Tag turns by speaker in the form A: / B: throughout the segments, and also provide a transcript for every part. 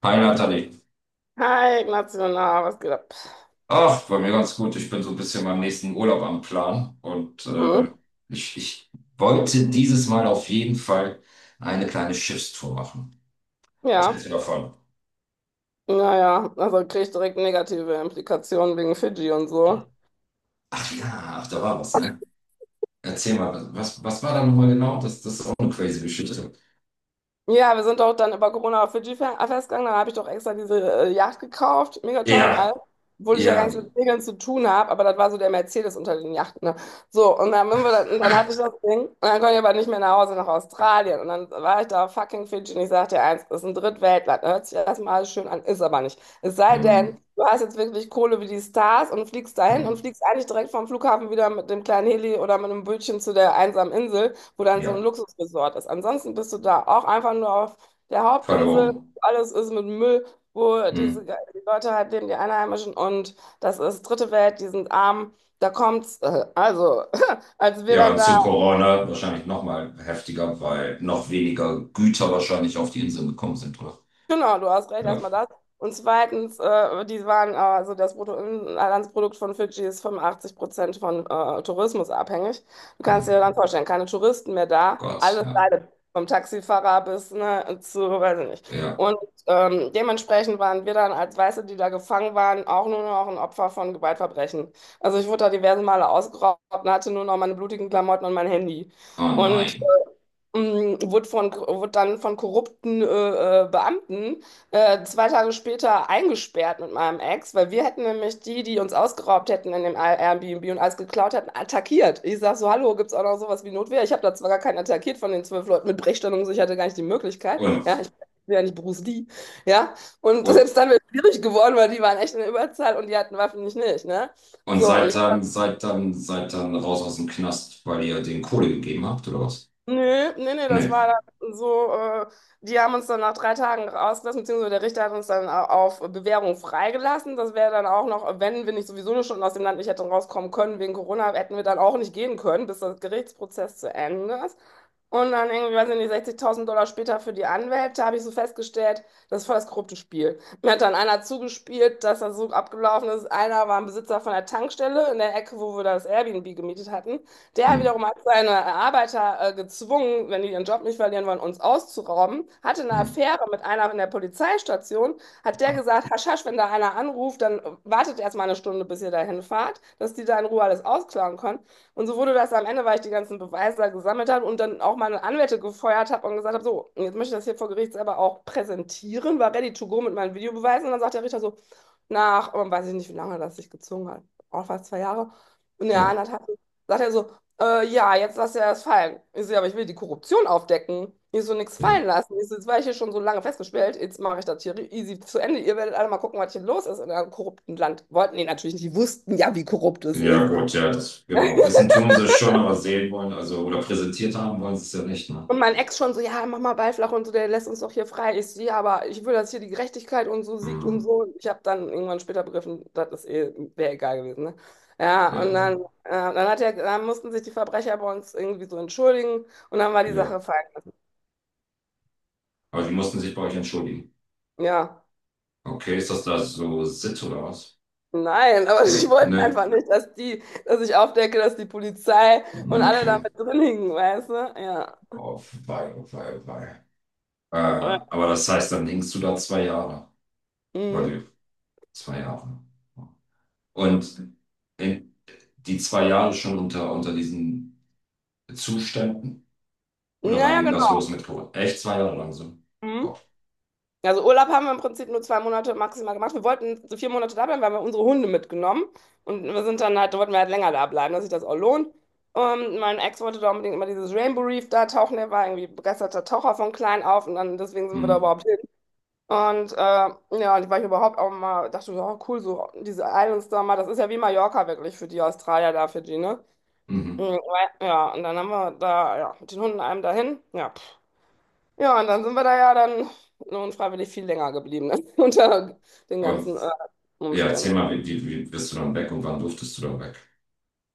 A: Hi Nathalie.
B: Hi, Ignacio, was geht ab?
A: Ach, bei mir ganz gut. Ich bin so ein bisschen meinem nächsten Urlaub am Plan und äh,
B: Mhm.
A: ich, ich wollte dieses Mal auf jeden Fall eine kleine Schiffstour machen. Was
B: Ja,
A: hältst du davon?
B: naja, also kriege ich direkt negative Implikationen wegen Fidschi und so.
A: Ach ja, ach, da war was, ne? Erzähl mal, was war da nochmal genau? Das ist auch eine crazy Geschichte.
B: Ja, wir sind doch dann über Corona auf Fidschi festgegangen. Dann habe ich doch extra diese Yacht gekauft, mega teuer und
A: Ja,
B: alles, obwohl ich ja gar
A: ja,
B: nichts mit Segeln zu tun habe, aber das war so der Mercedes unter den Yachten. Ne? So, und dann sind wir da, und dann hatte ich das Ding und dann konnte ich aber nicht mehr nach Hause, nach Australien. Und dann war ich da auf fucking Fidschi und ich sagte dir eins, das ist ein Drittweltland, ne? Hört sich erstmal alles schön an, ist aber nicht. Es sei denn,
A: ähm,
B: du hast jetzt wirklich Kohle wie die Stars und fliegst dahin
A: hm,
B: und fliegst eigentlich direkt vom Flughafen wieder mit dem kleinen Heli oder mit einem Bötchen zu der einsamen Insel, wo dann so ein
A: ja,
B: Luxusresort ist. Ansonsten bist du da auch einfach nur auf der Hauptinsel.
A: verloren.
B: Alles ist mit Müll, wo
A: Hm.
B: diese die Leute halt leben, die Einheimischen. Und das ist dritte Welt, die sind arm. Da kommt's. Also, als wir
A: Ja,
B: dann da.
A: zu Corona wahrscheinlich nochmal heftiger, weil noch weniger Güter wahrscheinlich auf die Inseln gekommen sind, oder?
B: Genau, du hast recht,
A: Ja.
B: erstmal das. Und zweitens, die waren, also das Bruttoinlandsprodukt von Fidschi ist 85% von Tourismus abhängig. Du
A: Hm.
B: kannst dir dann vorstellen, keine Touristen mehr da,
A: Gott,
B: alles
A: ja.
B: leidet, vom Taxifahrer bis ne, zu, weiß ich nicht.
A: Ja.
B: Und dementsprechend waren wir dann als Weiße, die da gefangen waren, auch nur noch ein Opfer von Gewaltverbrechen. Also ich wurde da diverse Male ausgeraubt und hatte nur noch meine blutigen Klamotten und mein Handy.
A: Oh
B: Und
A: nein.
B: wurde dann von korrupten Beamten 2 Tage später eingesperrt mit meinem Ex, weil wir hätten nämlich die, die uns ausgeraubt hätten in dem Airbnb und alles geklaut hätten, attackiert. Ich sag so, hallo, gibt's auch noch sowas wie Notwehr? Ich habe da zwar gar keinen attackiert von den 12 Leuten mit Brechstangen, und so, ich hatte gar nicht die Möglichkeit. Ja,
A: Und,
B: ich bin ja nicht Bruce Lee. Ja, und
A: und,
B: selbst dann wäre es schwierig geworden, weil die waren echt in der Überzahl und die hatten Waffen, nicht, ne?
A: und
B: So, und
A: seid dann raus aus dem Knast, weil ihr den Kohle gegeben habt, oder was?
B: Nö, das
A: Nee.
B: war dann so, die haben uns dann nach 3 Tagen rausgelassen, beziehungsweise der Richter hat uns dann auf Bewährung freigelassen. Das wäre dann auch noch, wenn wir nicht sowieso nur schon aus dem Land nicht hätten rauskommen können wegen Corona, hätten wir dann auch nicht gehen können, bis der Gerichtsprozess zu Ende ist. Und dann irgendwie, weiß ich nicht, 60.000 Dollar später für die Anwälte habe ich so festgestellt, das ist voll das korrupte Spiel. Mir hat dann einer zugespielt, dass das so abgelaufen ist. Einer war ein Besitzer von der Tankstelle in der Ecke, wo wir das Airbnb gemietet hatten. Der
A: Hm,
B: wiederum hat seine Arbeiter gezwungen, wenn die ihren Job nicht verlieren wollen, uns auszurauben. Hatte eine
A: hm.
B: Affäre mit einer in der Polizeistation. Hat der gesagt, hasch, hasch, wenn da einer anruft, dann wartet erst mal 1 Stunde, bis ihr dahin fahrt, dass die da in Ruhe alles ausklauen können. Und so wurde das am Ende, weil ich die ganzen Beweise da gesammelt habe und dann auch meine Anwälte gefeuert habe und gesagt habe, so, jetzt möchte ich das hier vor Gericht selber auch präsentieren, war ready to go mit meinen Videobeweisen. Und dann sagt der Richter so, nach, weiß ich nicht, wie lange das sich gezogen hat, auch fast 2 Jahre. Und ja,
A: Oh,
B: anderthalb, sagt er so, ja, jetzt lass ja das fallen. Ich so, ja, aber ich will die Korruption aufdecken. Ich so, nix
A: ja.
B: fallen lassen. Ich so, jetzt war ich hier schon so lange festgesperrt. Jetzt mache ich das hier easy zu Ende. Ihr werdet alle mal gucken, was hier los ist in einem korrupten Land. Wollten die natürlich nicht. Die wussten ja, wie korrupt es
A: Ja,
B: ist.
A: gut, ja, das, genau. Wissen tun sie es schon, aber sehen wollen, also, oder präsentiert haben wollen sie es ja nicht, ne?
B: Und mein Ex schon so, ja, mach mal Ball flach und so, der lässt uns doch hier frei. Ich so, ja, aber ich will, dass hier die Gerechtigkeit und so siegt und
A: Hm,
B: so. Ich habe dann irgendwann später begriffen, das ist eh, wäre egal gewesen, ne? Ja, und
A: ja,
B: dann, dann hat er, dann mussten sich die Verbrecher bei uns irgendwie so entschuldigen und dann war die
A: ja.
B: Sache fein.
A: Aber die mussten sich bei euch entschuldigen.
B: Ja.
A: Okay, ist das da so Sitt oder was?
B: Nein, aber
A: Ge
B: ich wollte
A: ne,
B: einfach nicht, dass die, dass ich aufdecke, dass die Polizei
A: ne,
B: und alle da
A: okay.
B: mit drin hingen, weißt du? Ja.
A: Oh, wei, oh, wei, oh, wei. Äh,
B: Ja.
A: aber das heißt, dann hängst du da zwei Jahre. Weil
B: Mhm.
A: du, zwei Jahre. Und in die zwei Jahre schon unter diesen Zuständen? Oder wann
B: Naja,
A: ging das
B: genau.
A: los mit Corona? Echt zwei Jahre lang so?
B: Mhm.
A: Boah.
B: Also Urlaub haben wir im Prinzip nur 2 Monate maximal gemacht. Wir wollten so 4 Monate da bleiben, weil wir unsere Hunde mitgenommen und wir sind dann halt, da wollten wir halt länger da bleiben, dass sich das auch lohnt. Und mein Ex wollte da unbedingt immer dieses Rainbow Reef da tauchen, der war irgendwie begeisterter Taucher von klein auf und dann deswegen sind wir da
A: Mhm.
B: überhaupt. Und ja, und war ich überhaupt auch mal, dachte ich, oh cool, so diese Islands da mal, das ist ja wie Mallorca wirklich für die Australier da, für die, ne? Mhm.
A: Mhm.
B: Ja, und dann haben wir da, ja, mit den Hunden einem dahin, ja. Pff. Ja, und dann sind wir da ja dann unfreiwillig viel länger geblieben, ne? Unter den
A: Und
B: ganzen
A: ja, erzähl
B: Umständen.
A: mal, wie bist du dann weg und wann durftest du dann weg?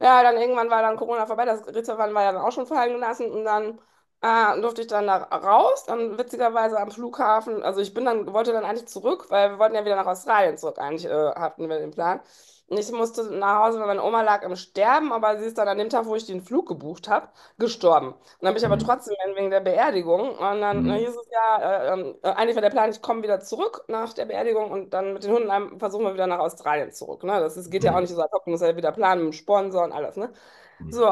B: Ja, dann irgendwann war dann Corona vorbei, das Ritterwand war ja dann auch schon fallen gelassen und dann durfte ich dann da raus. Dann witzigerweise am Flughafen, also ich bin dann, wollte dann eigentlich zurück, weil wir wollten ja wieder nach Australien zurück, eigentlich hatten wir den Plan. Und ich musste nach Hause, weil meine Oma lag im Sterben, aber sie ist dann an dem Tag, wo ich den Flug gebucht habe, gestorben und dann bin ich aber
A: Mhm.
B: trotzdem hin wegen der Beerdigung. Und dann
A: Mhm.
B: hieß es ja, eigentlich war der Plan, ich komme wieder zurück nach der Beerdigung und dann mit den Hunden versuchen wir wieder nach Australien zurück. Ne? Das ist, geht ja auch nicht
A: Mhm.
B: so ad hoc, muss ja wieder planen mit dem Sponsor und alles. Ne?
A: Mhm.
B: So,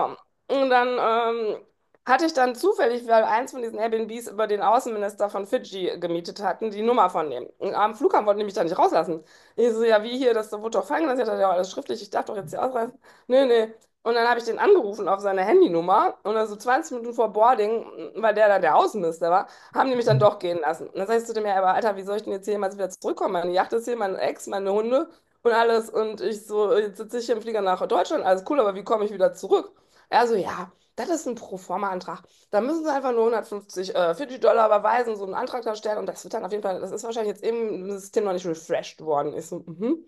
B: und dann hatte ich dann zufällig, weil eins von diesen Airbnbs über den Außenminister von Fidschi gemietet hatten, die Nummer von dem. Und am Flughafen wollten die mich da nicht rauslassen. Ich so, ja, wie hier, das wurde doch fallen gelassen. Ich hatte ja alles schriftlich, ich darf doch jetzt hier ausreisen. Nee, nee. Und dann habe ich den angerufen auf seine Handynummer und dann so 20 Minuten vor Boarding, weil der dann der Außenminister war, haben die mich dann doch gehen lassen. Und dann sag ich zu dem, ja, aber Alter, wie soll ich denn jetzt hier jemals wieder zurückkommen? Meine Yacht ist hier, mein Ex, meine Hunde und alles. Und ich so, jetzt sitze ich hier im Flieger nach Deutschland, alles cool, aber wie komme ich wieder zurück? Er so, ja, das ist ein Proforma-Antrag. Da müssen Sie einfach nur 150 Fidschi-Dollar überweisen, so einen Antrag da stellen und das wird dann auf jeden Fall, das ist wahrscheinlich jetzt eben im System noch nicht refreshed worden. Ich so, mhm.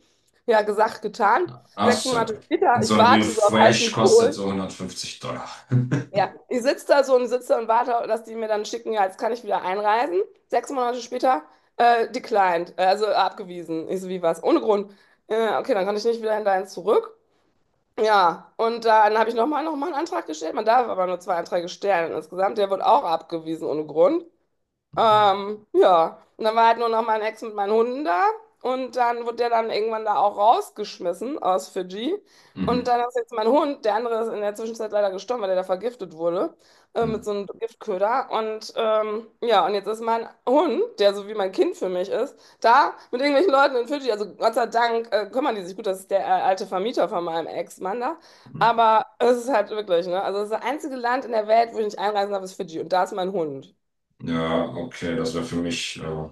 B: Ja, gesagt, getan.
A: Ach
B: Sechs
A: so,
B: Monate
A: okay.
B: später,
A: Und so
B: ich
A: ein
B: warte so auf heißen
A: Refresh kostet
B: Kohl.
A: so 150$.
B: Ja, ich sitze da so und sitze und warte, dass die mir dann schicken, ja, jetzt kann ich wieder einreisen. 6 Monate später, declined, also abgewiesen. Ich so, wie was? Ohne Grund. Okay, dann kann ich nicht wieder hinterher zurück. Ja, und dann habe ich noch mal einen Antrag gestellt. Man darf aber nur 2 Anträge stellen insgesamt. Der wird auch abgewiesen ohne Grund. Ja, und dann war halt nur noch mein Ex mit meinen Hunden da und dann wurde der dann irgendwann da auch rausgeschmissen aus Fidschi. Und
A: Mhm.
B: dann ist jetzt mein Hund, der andere ist in der Zwischenzeit leider gestorben, weil der da vergiftet wurde, mit so
A: Mhm.
B: einem Giftköder. Und ja, und jetzt ist mein Hund, der so wie mein Kind für mich ist, da mit irgendwelchen Leuten in Fidschi. Also Gott sei Dank kümmern die sich gut, das ist der alte Vermieter von meinem Ex-Mann da.
A: Mhm.
B: Aber es ist halt wirklich, ne? Also das einzige Land in der Welt, wo ich nicht einreisen darf, ist Fidschi. Und da ist mein Hund.
A: Ja, okay, das wäre für mich.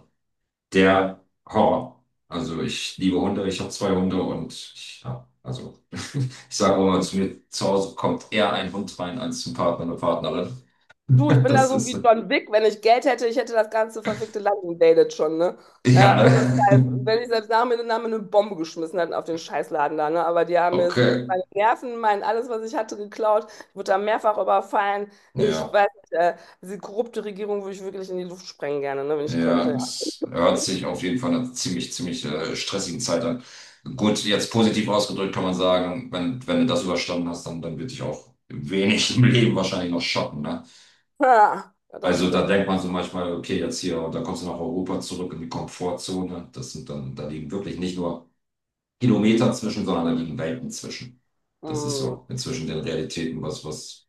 A: Der Horror. Also ich liebe Hunde, ich habe zwei Hunde und ich, ja, also ich sage auch immer zu mir, zu Hause kommt eher ein Hund rein als zum Partner oder Partnerin.
B: Du, ich bin da
A: Das
B: so
A: ist,
B: wie John Wick. Wenn ich Geld hätte, ich hätte das ganze verfickte Land invaded schon, ne?
A: ja,
B: Ohne Scheiß. Wenn ich selbst nach mir eine Bombe geschmissen hätten auf den Scheißladen da, ne? Aber die haben mir
A: okay,
B: meine Nerven, mein alles, was ich hatte, geklaut. Ich wurde da mehrfach überfallen. Ich
A: ja,
B: weiß nicht, diese korrupte Regierung würde ich wirklich in die Luft sprengen gerne, ne? Wenn ich könnte.
A: ja,
B: Ja,
A: das hört sich auf jeden Fall einer ziemlich stressigen Zeit an. Gut, jetzt positiv ausgedrückt kann man sagen, wenn du das überstanden hast, dann wird dich auch wenig im Leben wahrscheinlich noch schocken, ne?
B: ha, ja das
A: Also da
B: stimmt.
A: denkt man so manchmal, okay, jetzt hier, und dann kommst du nach Europa zurück in die Komfortzone. Das sind dann, da liegen wirklich nicht nur Kilometer zwischen, sondern da liegen Welten zwischen. Das ist
B: Mm.
A: so inzwischen den Realitäten, was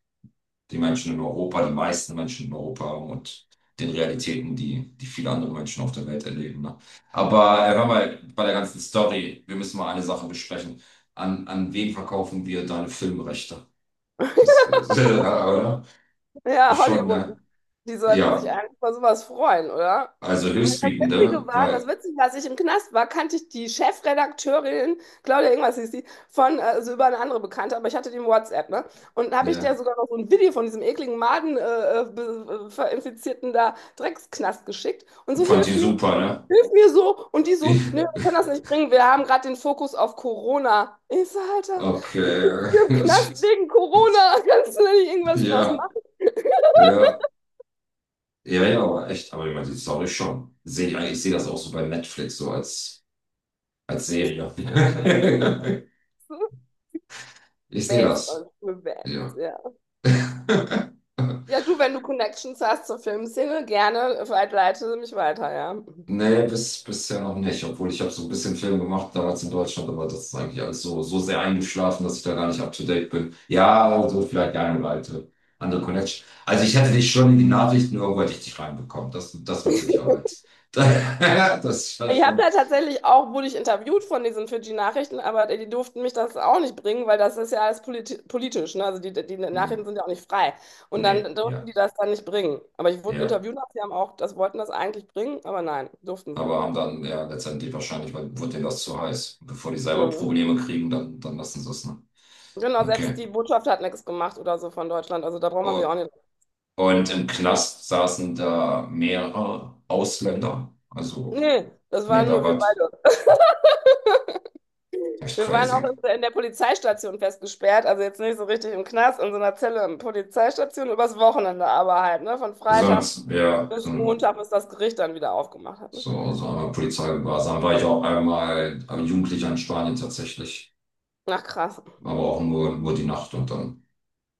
A: die Menschen in Europa, die meisten Menschen in Europa haben und den Realitäten, die viele andere Menschen auf der Welt erleben. Ne? Aber hör mal, bei der ganzen Story, wir müssen mal eine Sache besprechen. An wen verkaufen wir deine Filmrechte? Das ist, oder?
B: Ja,
A: Schon,
B: Hollywood.
A: ne?
B: Die sollten sich
A: Ja,
B: eigentlich über sowas freuen, oder?
A: also
B: Witzige
A: höchstbietende,
B: war, das
A: weil
B: Witzige, als ich im Knast war, kannte ich die Chefredakteurin, Claudia irgendwas hieß die, von, also über eine andere Bekannte, aber ich hatte die im WhatsApp, ne? Und habe ich der
A: ja,
B: sogar noch so ein Video von diesem ekligen Maden verinfizierten da Drecksknast geschickt und so,
A: fand die super, ne?
B: hilf mir so. Und die so,
A: Ich,
B: nee, wir können das nicht bringen, wir haben gerade den Fokus auf Corona. Ich so, Alter,
A: okay.
B: im Knast wegen Corona, kannst du da nicht irgendwas draus
A: Ja,
B: machen?
A: ja, ja, ja, aber echt, aber ich meine, die Story schon. Sehe ich, eigentlich- ich sehe das auch so bei Netflix, als Serie. Ich sehe
B: Based
A: das.
B: on, based,
A: Ja.
B: ja. Ja, du, wenn du Connections hast zur Filmszene, gerne vielleicht leite mich weiter, ja.
A: Nee, bisher noch nicht, obwohl ich habe so ein bisschen Film gemacht damals in Deutschland, aber das ist eigentlich alles so, so sehr eingeschlafen, dass ich da gar nicht up to date bin. Ja, also vielleicht die eine oder alte, andere Connection. Also ich hätte dich schon in die Nachrichten irgendwo hätte ich dich reinbekommen, das mit Sicherheit. Das war
B: Ich habe
A: schon.
B: da tatsächlich auch, wurde ich interviewt von diesen Fidschi-Nachrichten, aber die, die durften mich das auch nicht bringen, weil das ist ja alles politisch, ne? Also die, die
A: Hm.
B: Nachrichten sind ja auch nicht frei. Und
A: Nee,
B: dann durften
A: ja,
B: die das dann nicht bringen. Aber ich wurde
A: ja.
B: interviewt, sie haben auch, das wollten das eigentlich bringen, aber nein, durften sie
A: Aber
B: nicht.
A: haben dann ja letztendlich wahrscheinlich, weil wurde denen das zu heiß. Bevor die selber
B: Mhm.
A: Probleme kriegen, dann lassen sie es, ne?
B: Genau, selbst
A: Okay.
B: die Botschaft hat nichts gemacht oder so von Deutschland, also da braucht man sich
A: Oh,
B: auch nicht.
A: und im Knast saßen da mehrere Ausländer. Also,
B: Nee, das
A: nee,
B: waren
A: da
B: nur wir
A: war
B: beide.
A: echt
B: Wir waren auch
A: crazy.
B: in der Polizeistation festgesperrt, also jetzt nicht so richtig im Knast, in so einer Zelle in der Polizeistation, übers Wochenende aber halt, ne? Von Freitag
A: Sonst, ja, so,
B: bis Montag, bis das Gericht dann wieder aufgemacht hat, ne?
A: so, so einmal Polizeigewahrsam war ich auch einmal Jugendlicher in Spanien tatsächlich.
B: Ach krass.
A: Aber auch nur die Nacht und dann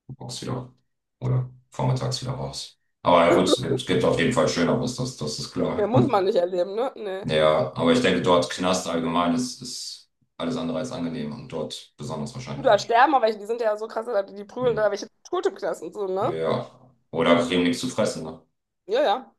A: morgens wieder oder vormittags wieder raus. Aber ja, gut, es gibt auf jeden Fall Schöneres, das ist
B: Ja,
A: klar.
B: muss man nicht erleben, ne? Nee.
A: Ja, aber ich denke, dort Knast allgemein ist alles andere als angenehm und dort besonders
B: Du
A: wahrscheinlich
B: da
A: nicht.
B: sterben, aber welche, die sind ja so krass, die, die prügeln da
A: Mhm.
B: welche tot im Knast und so, ne?
A: Ja. Oder kriegen nichts zu fressen. Ne?
B: Ja, ja.